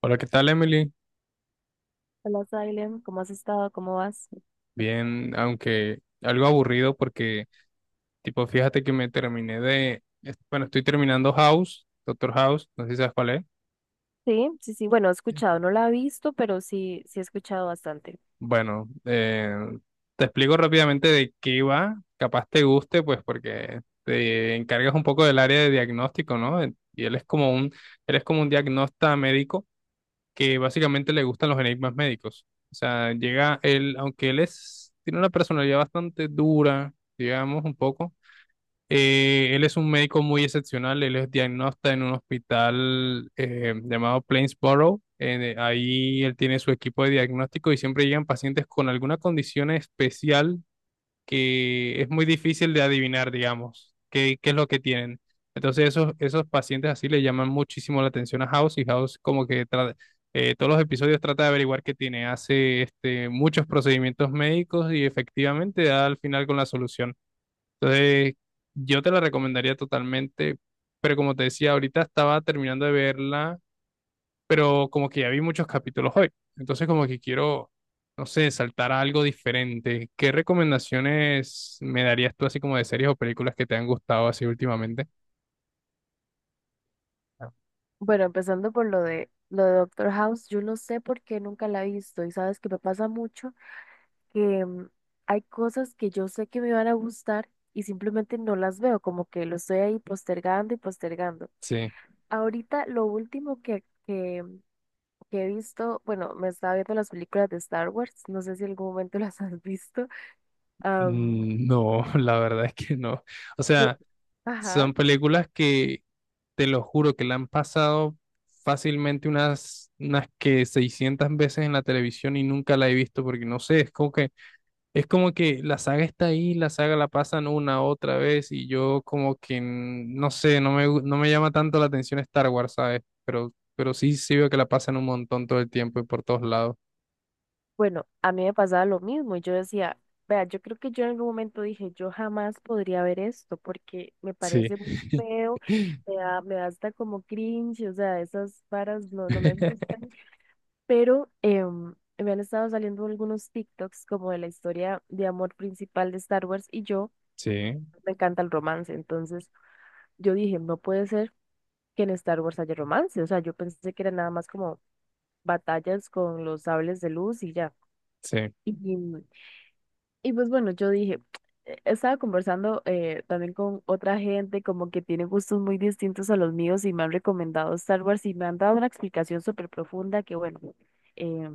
Hola, ¿qué tal, Emily? Hola, Salem, ¿cómo has estado? ¿Cómo vas? Bien, aunque algo aburrido porque, tipo, fíjate que me terminé de, es- bueno, estoy terminando House, Doctor House, no sé si sabes cuál es. Sí, sí, sí, bueno, he escuchado, no la he visto, pero sí, sí he escuchado bastante. Bueno, te explico rápidamente de qué va, capaz te guste, pues porque te encargas un poco del área de diagnóstico, ¿no? Y él es como un diagnasta médico que básicamente le gustan los enigmas médicos. O sea, llega él, aunque él es, tiene una personalidad bastante dura, digamos, un poco. Él es un médico muy excepcional, él es diagnóstico en un hospital llamado Plainsboro. Ahí él tiene su equipo de diagnóstico y siempre llegan pacientes con alguna condición especial que es muy difícil de adivinar, digamos, qué es lo que tienen. Entonces esos pacientes así le llaman muchísimo la atención a House, y House como que todos los episodios trata de averiguar qué tiene, hace este, muchos procedimientos médicos y efectivamente da al final con la solución. Entonces, yo te la recomendaría totalmente, pero como te decía, ahorita estaba terminando de verla, pero como que ya vi muchos capítulos hoy. Entonces, como que quiero, no sé, saltar a algo diferente. ¿Qué recomendaciones me darías tú así como de series o películas que te han gustado así últimamente? Ah. Bueno, empezando por lo de Doctor House, yo no sé por qué nunca la he visto y sabes que me pasa mucho que hay cosas que yo sé que me van a gustar y simplemente no las veo, como que lo estoy ahí postergando y postergando. Sí. Ahorita lo último que he visto, bueno, me estaba viendo las películas de Star Wars, no sé si en algún momento las has visto. am, Mm, no, la verdad es que no. O yo, sea, ajá, son películas que te lo juro que la han pasado fácilmente unas que 600 veces en la televisión y nunca la he visto porque no sé, es como que la saga está ahí, la saga la pasan una otra vez y yo como que no sé, no me llama tanto la atención Star Wars, ¿sabes? Pero sí, sí veo que la pasan un montón todo el tiempo y por todos lados. bueno, a mí me pasaba lo mismo y yo decía, vea, yo creo que yo en algún momento dije, yo jamás podría ver esto porque me Sí. parece muy feo, me da hasta como cringe. O sea, esas varas no, no me gustan, pero me han estado saliendo algunos TikToks como de la historia de amor principal de Star Wars, y yo, Sí, me encanta el romance. Entonces yo dije, no puede ser que en Star Wars haya romance. O sea, yo pensé que era nada más como batallas con los sables de luz y ya. sí, Y, y pues bueno, yo dije, estaba conversando también con otra gente como que tiene gustos muy distintos a los míos, y me han recomendado Star Wars, y me han dado una explicación súper profunda que bueno, eh,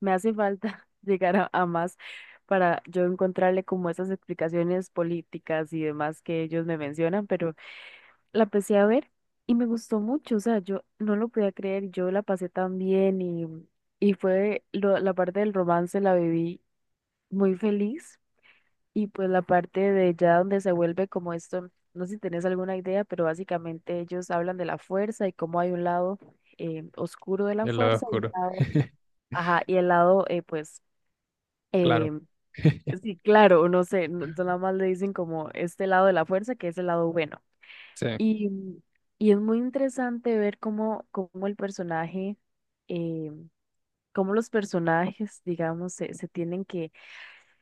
me hace falta llegar a más para yo encontrarle como esas explicaciones políticas y demás que ellos me mencionan, pero la empecé a ver y me gustó mucho. O sea, yo no lo podía creer, yo la pasé tan bien, y fue la parte del romance, la viví muy feliz. Y pues la parte de ya donde se vuelve como esto, no sé si tenés alguna idea, pero básicamente ellos hablan de la fuerza y cómo hay un lado oscuro de la el lado fuerza y un oscuro, lado, ajá, y el lado, pues... Eh, claro. Sí, claro, no sé, nada más le dicen como este lado de la fuerza, que es el lado bueno. Sí, Y, y es muy interesante ver eh, cómo los personajes, digamos, se tienen que,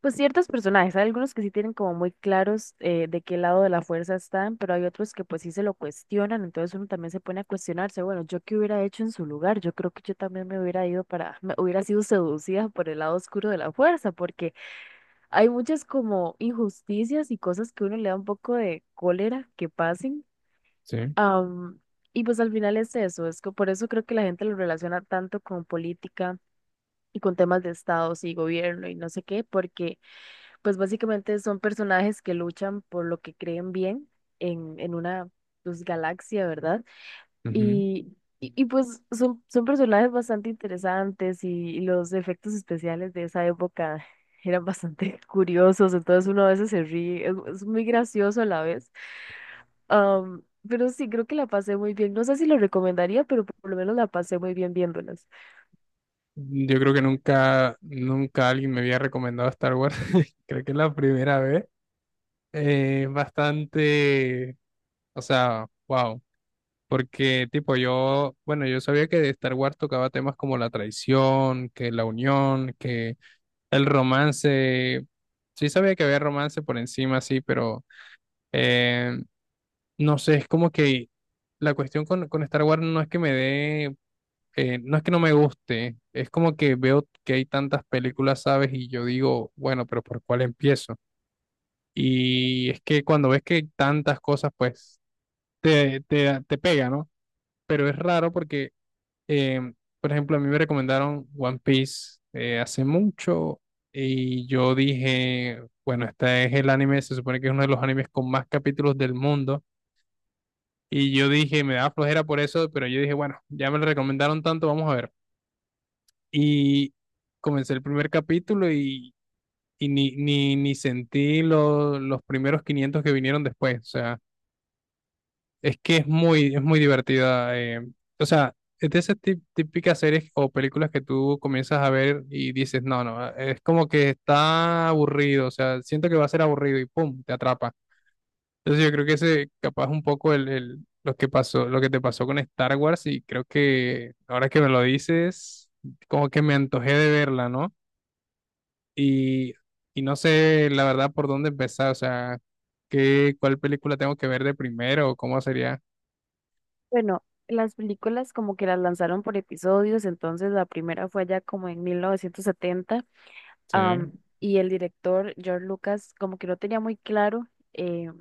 pues ciertos personajes, hay algunos que sí tienen como muy claros, de qué lado de la fuerza están, pero hay otros que pues sí se lo cuestionan. Entonces uno también se pone a cuestionarse, bueno, ¿yo qué hubiera hecho en su lugar? Yo creo que yo también me hubiera ido para, me hubiera sido seducida por el lado oscuro de la fuerza, porque hay muchas como injusticias y cosas que uno le da un poco de cólera que pasen. sí. Am, y pues al final es eso, es que por eso creo que la gente lo relaciona tanto con política y con temas de estados y gobierno y no sé qué, porque pues básicamente son personajes que luchan por lo que creen bien en una, pues, galaxia, ¿verdad? Ujú. Y pues son personajes bastante interesantes, y los efectos especiales de esa época eran bastante curiosos, entonces uno a veces se ríe, es muy gracioso a la vez. Am, pero sí, creo que la pasé muy bien. No sé si lo recomendaría, pero por lo menos la pasé muy bien viéndolas. Yo creo que nunca, nunca alguien me había recomendado Star Wars. Creo que es la primera vez. Es bastante, o sea, wow. Porque, tipo, yo, bueno, yo sabía que de Star Wars tocaba temas como la traición, que la unión, que el romance. Sí sabía que había romance por encima, sí, pero eh, no sé, es como que la cuestión con Star Wars no es que me dé, no es que no me guste, es como que veo que hay tantas películas, ¿sabes? Y yo digo, bueno, pero ¿por cuál empiezo? Y es que cuando ves que hay tantas cosas, pues te pega, ¿no? Pero es raro porque, em, por ejemplo, a mí me recomendaron One Piece hace mucho, y yo dije, bueno, este es el anime, se supone que es uno de los animes con más capítulos del mundo. Y yo dije, me da flojera por eso, pero yo dije, bueno, ya me lo recomendaron tanto, vamos a ver. Y comencé el primer capítulo, y ni sentí los primeros 500 que vinieron después. O sea, es muy divertida. O sea, es de esas típicas series o películas que tú comienzas a ver y dices, no, no, es como que está aburrido. O sea, siento que va a ser aburrido y pum, te atrapa. Entonces yo creo que ese capaz un poco lo que pasó, lo que te pasó con Star Wars, y creo que ahora que me lo dices, como que me antojé de verla, ¿no? Y, y no sé la verdad por dónde empezar, o sea, cuál película tengo que ver de primero o cómo sería. Bueno, las películas como que las lanzaron por episodios, entonces la primera fue allá como en 1970. Sí, Y el director George Lucas como que no tenía muy claro, eh,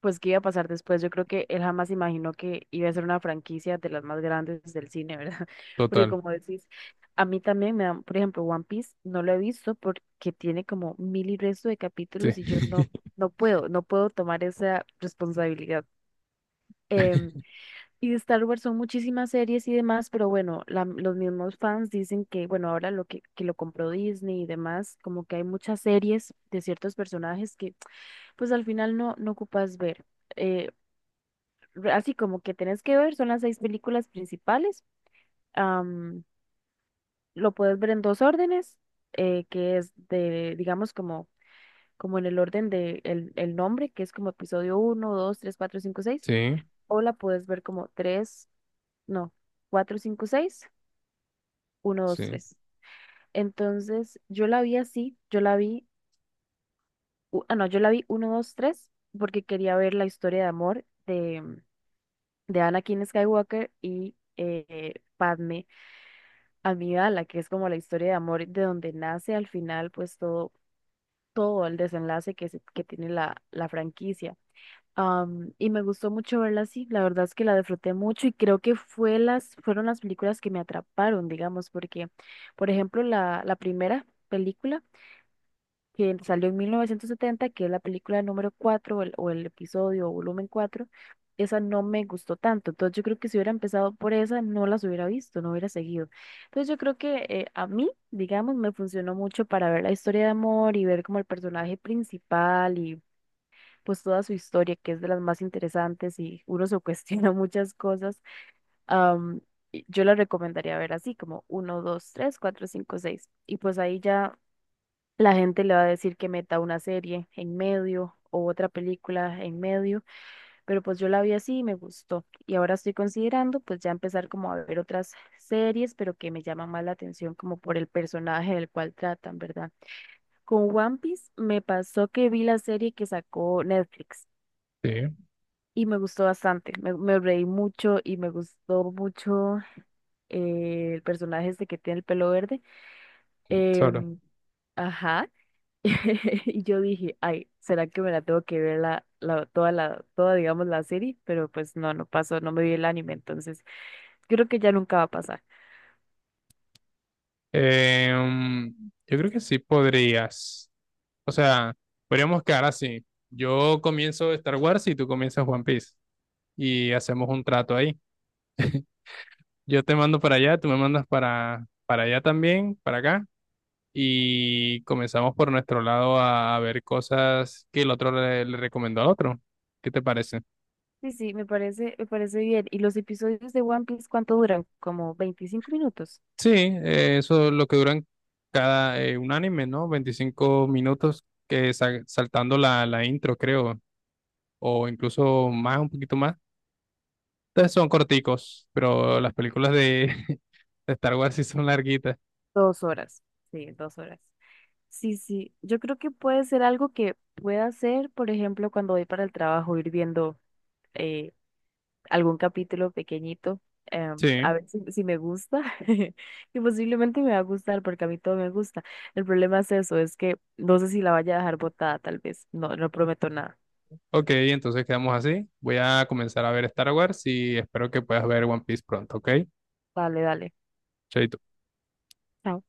pues qué iba a pasar después. Yo creo que él jamás imaginó que iba a ser una franquicia de las más grandes del cine, ¿verdad? Porque total. como decís, a mí también me dan, por ejemplo, One Piece no lo he visto porque tiene como mil y resto de Sí, capítulos, y yo no, no puedo, no puedo tomar esa responsabilidad. Em, y de Star Wars son muchísimas series y demás, pero bueno, los mismos fans dicen que, bueno, ahora lo que lo compró Disney y demás, como que hay muchas series de ciertos personajes que pues al final no, no ocupas ver. Eh, así como que tenés que ver, son las seis películas principales. am, lo puedes ver en dos órdenes, que es de, digamos, como en el orden de el nombre, que es como episodio uno 2 3 4 5 seis. sí, O la puedes ver como tres, no, cuatro cinco seis, uno dos sí, tres. Entonces, yo la vi así, yo la vi, no, yo la vi uno 2 tres, porque quería ver la historia de amor de, Anakin Skywalker y, Padme Amidala, que es como la historia de amor de donde nace al final, pues todo, todo el desenlace que tiene la, la franquicia. Y me gustó mucho verla así, la verdad es que la disfruté mucho, y creo que fue las, fueron las películas que me atraparon, digamos, porque, por ejemplo, la primera película que salió en 1970, que es la película número cuatro, o el episodio o volumen cuatro, esa no me gustó tanto. Entonces yo creo que si hubiera empezado por esa, no las hubiera visto, no hubiera seguido. Entonces yo creo que, a mí, digamos, me funcionó mucho para ver la historia de amor y ver como el personaje principal y pues toda su historia, que es de las más interesantes, y uno se cuestiona muchas cosas. am, y yo la recomendaría ver así, como uno 2 3 4 5 seis. Y pues ahí ya la gente le va a decir que meta una serie en medio o otra película en medio, pero pues yo la vi así y me gustó. Y ahora estoy considerando pues ya empezar como a ver otras series, pero que me llaman más la atención como por el personaje del cual tratan, ¿verdad? Con One Piece me pasó que vi la serie que sacó Netflix sí, y me gustó bastante. Me reí mucho y me gustó mucho, el personaje este que tiene el pelo verde. solo. Em, ajá. Y yo dije, ay, ¿será que me la tengo que ver toda la, toda, digamos, la serie? Pero pues no, no pasó, no me vi el anime, entonces creo que ya nunca va a pasar. Em, yo creo que sí podrías. O sea, podríamos quedar así. Yo comienzo Star Wars y tú comienzas One Piece. Y hacemos un trato ahí. Yo te mando para allá, tú me mandas para allá también, para acá. Y comenzamos por nuestro lado a ver cosas que el otro le recomendó al otro. ¿Qué te parece? Sí, sí, me parece bien. ¿Y los episodios de One Piece cuánto duran? ¿Como 25 minutos? Sí, eso es lo que duran cada un anime, ¿no? 25 minutos que saltando la intro, creo, o incluso más, un poquito más. Entonces son corticos, pero las películas de, de Star Wars sí son larguitas. 2 horas. Sí, 2 horas. Sí, sí, yo creo que puede ser algo que pueda hacer, por ejemplo, cuando voy para el trabajo, ir viendo, eh, algún capítulo pequeñito, eh, a Sí, ver si me gusta, y posiblemente me va a gustar porque a mí todo me gusta. El problema es eso, es que no sé si la vaya a dejar botada, tal vez. No, no prometo nada. ok, entonces quedamos así. Voy a comenzar a ver Star Wars y espero que puedas ver One Piece pronto, ¿ok? Dale, dale. Chaito. Chao.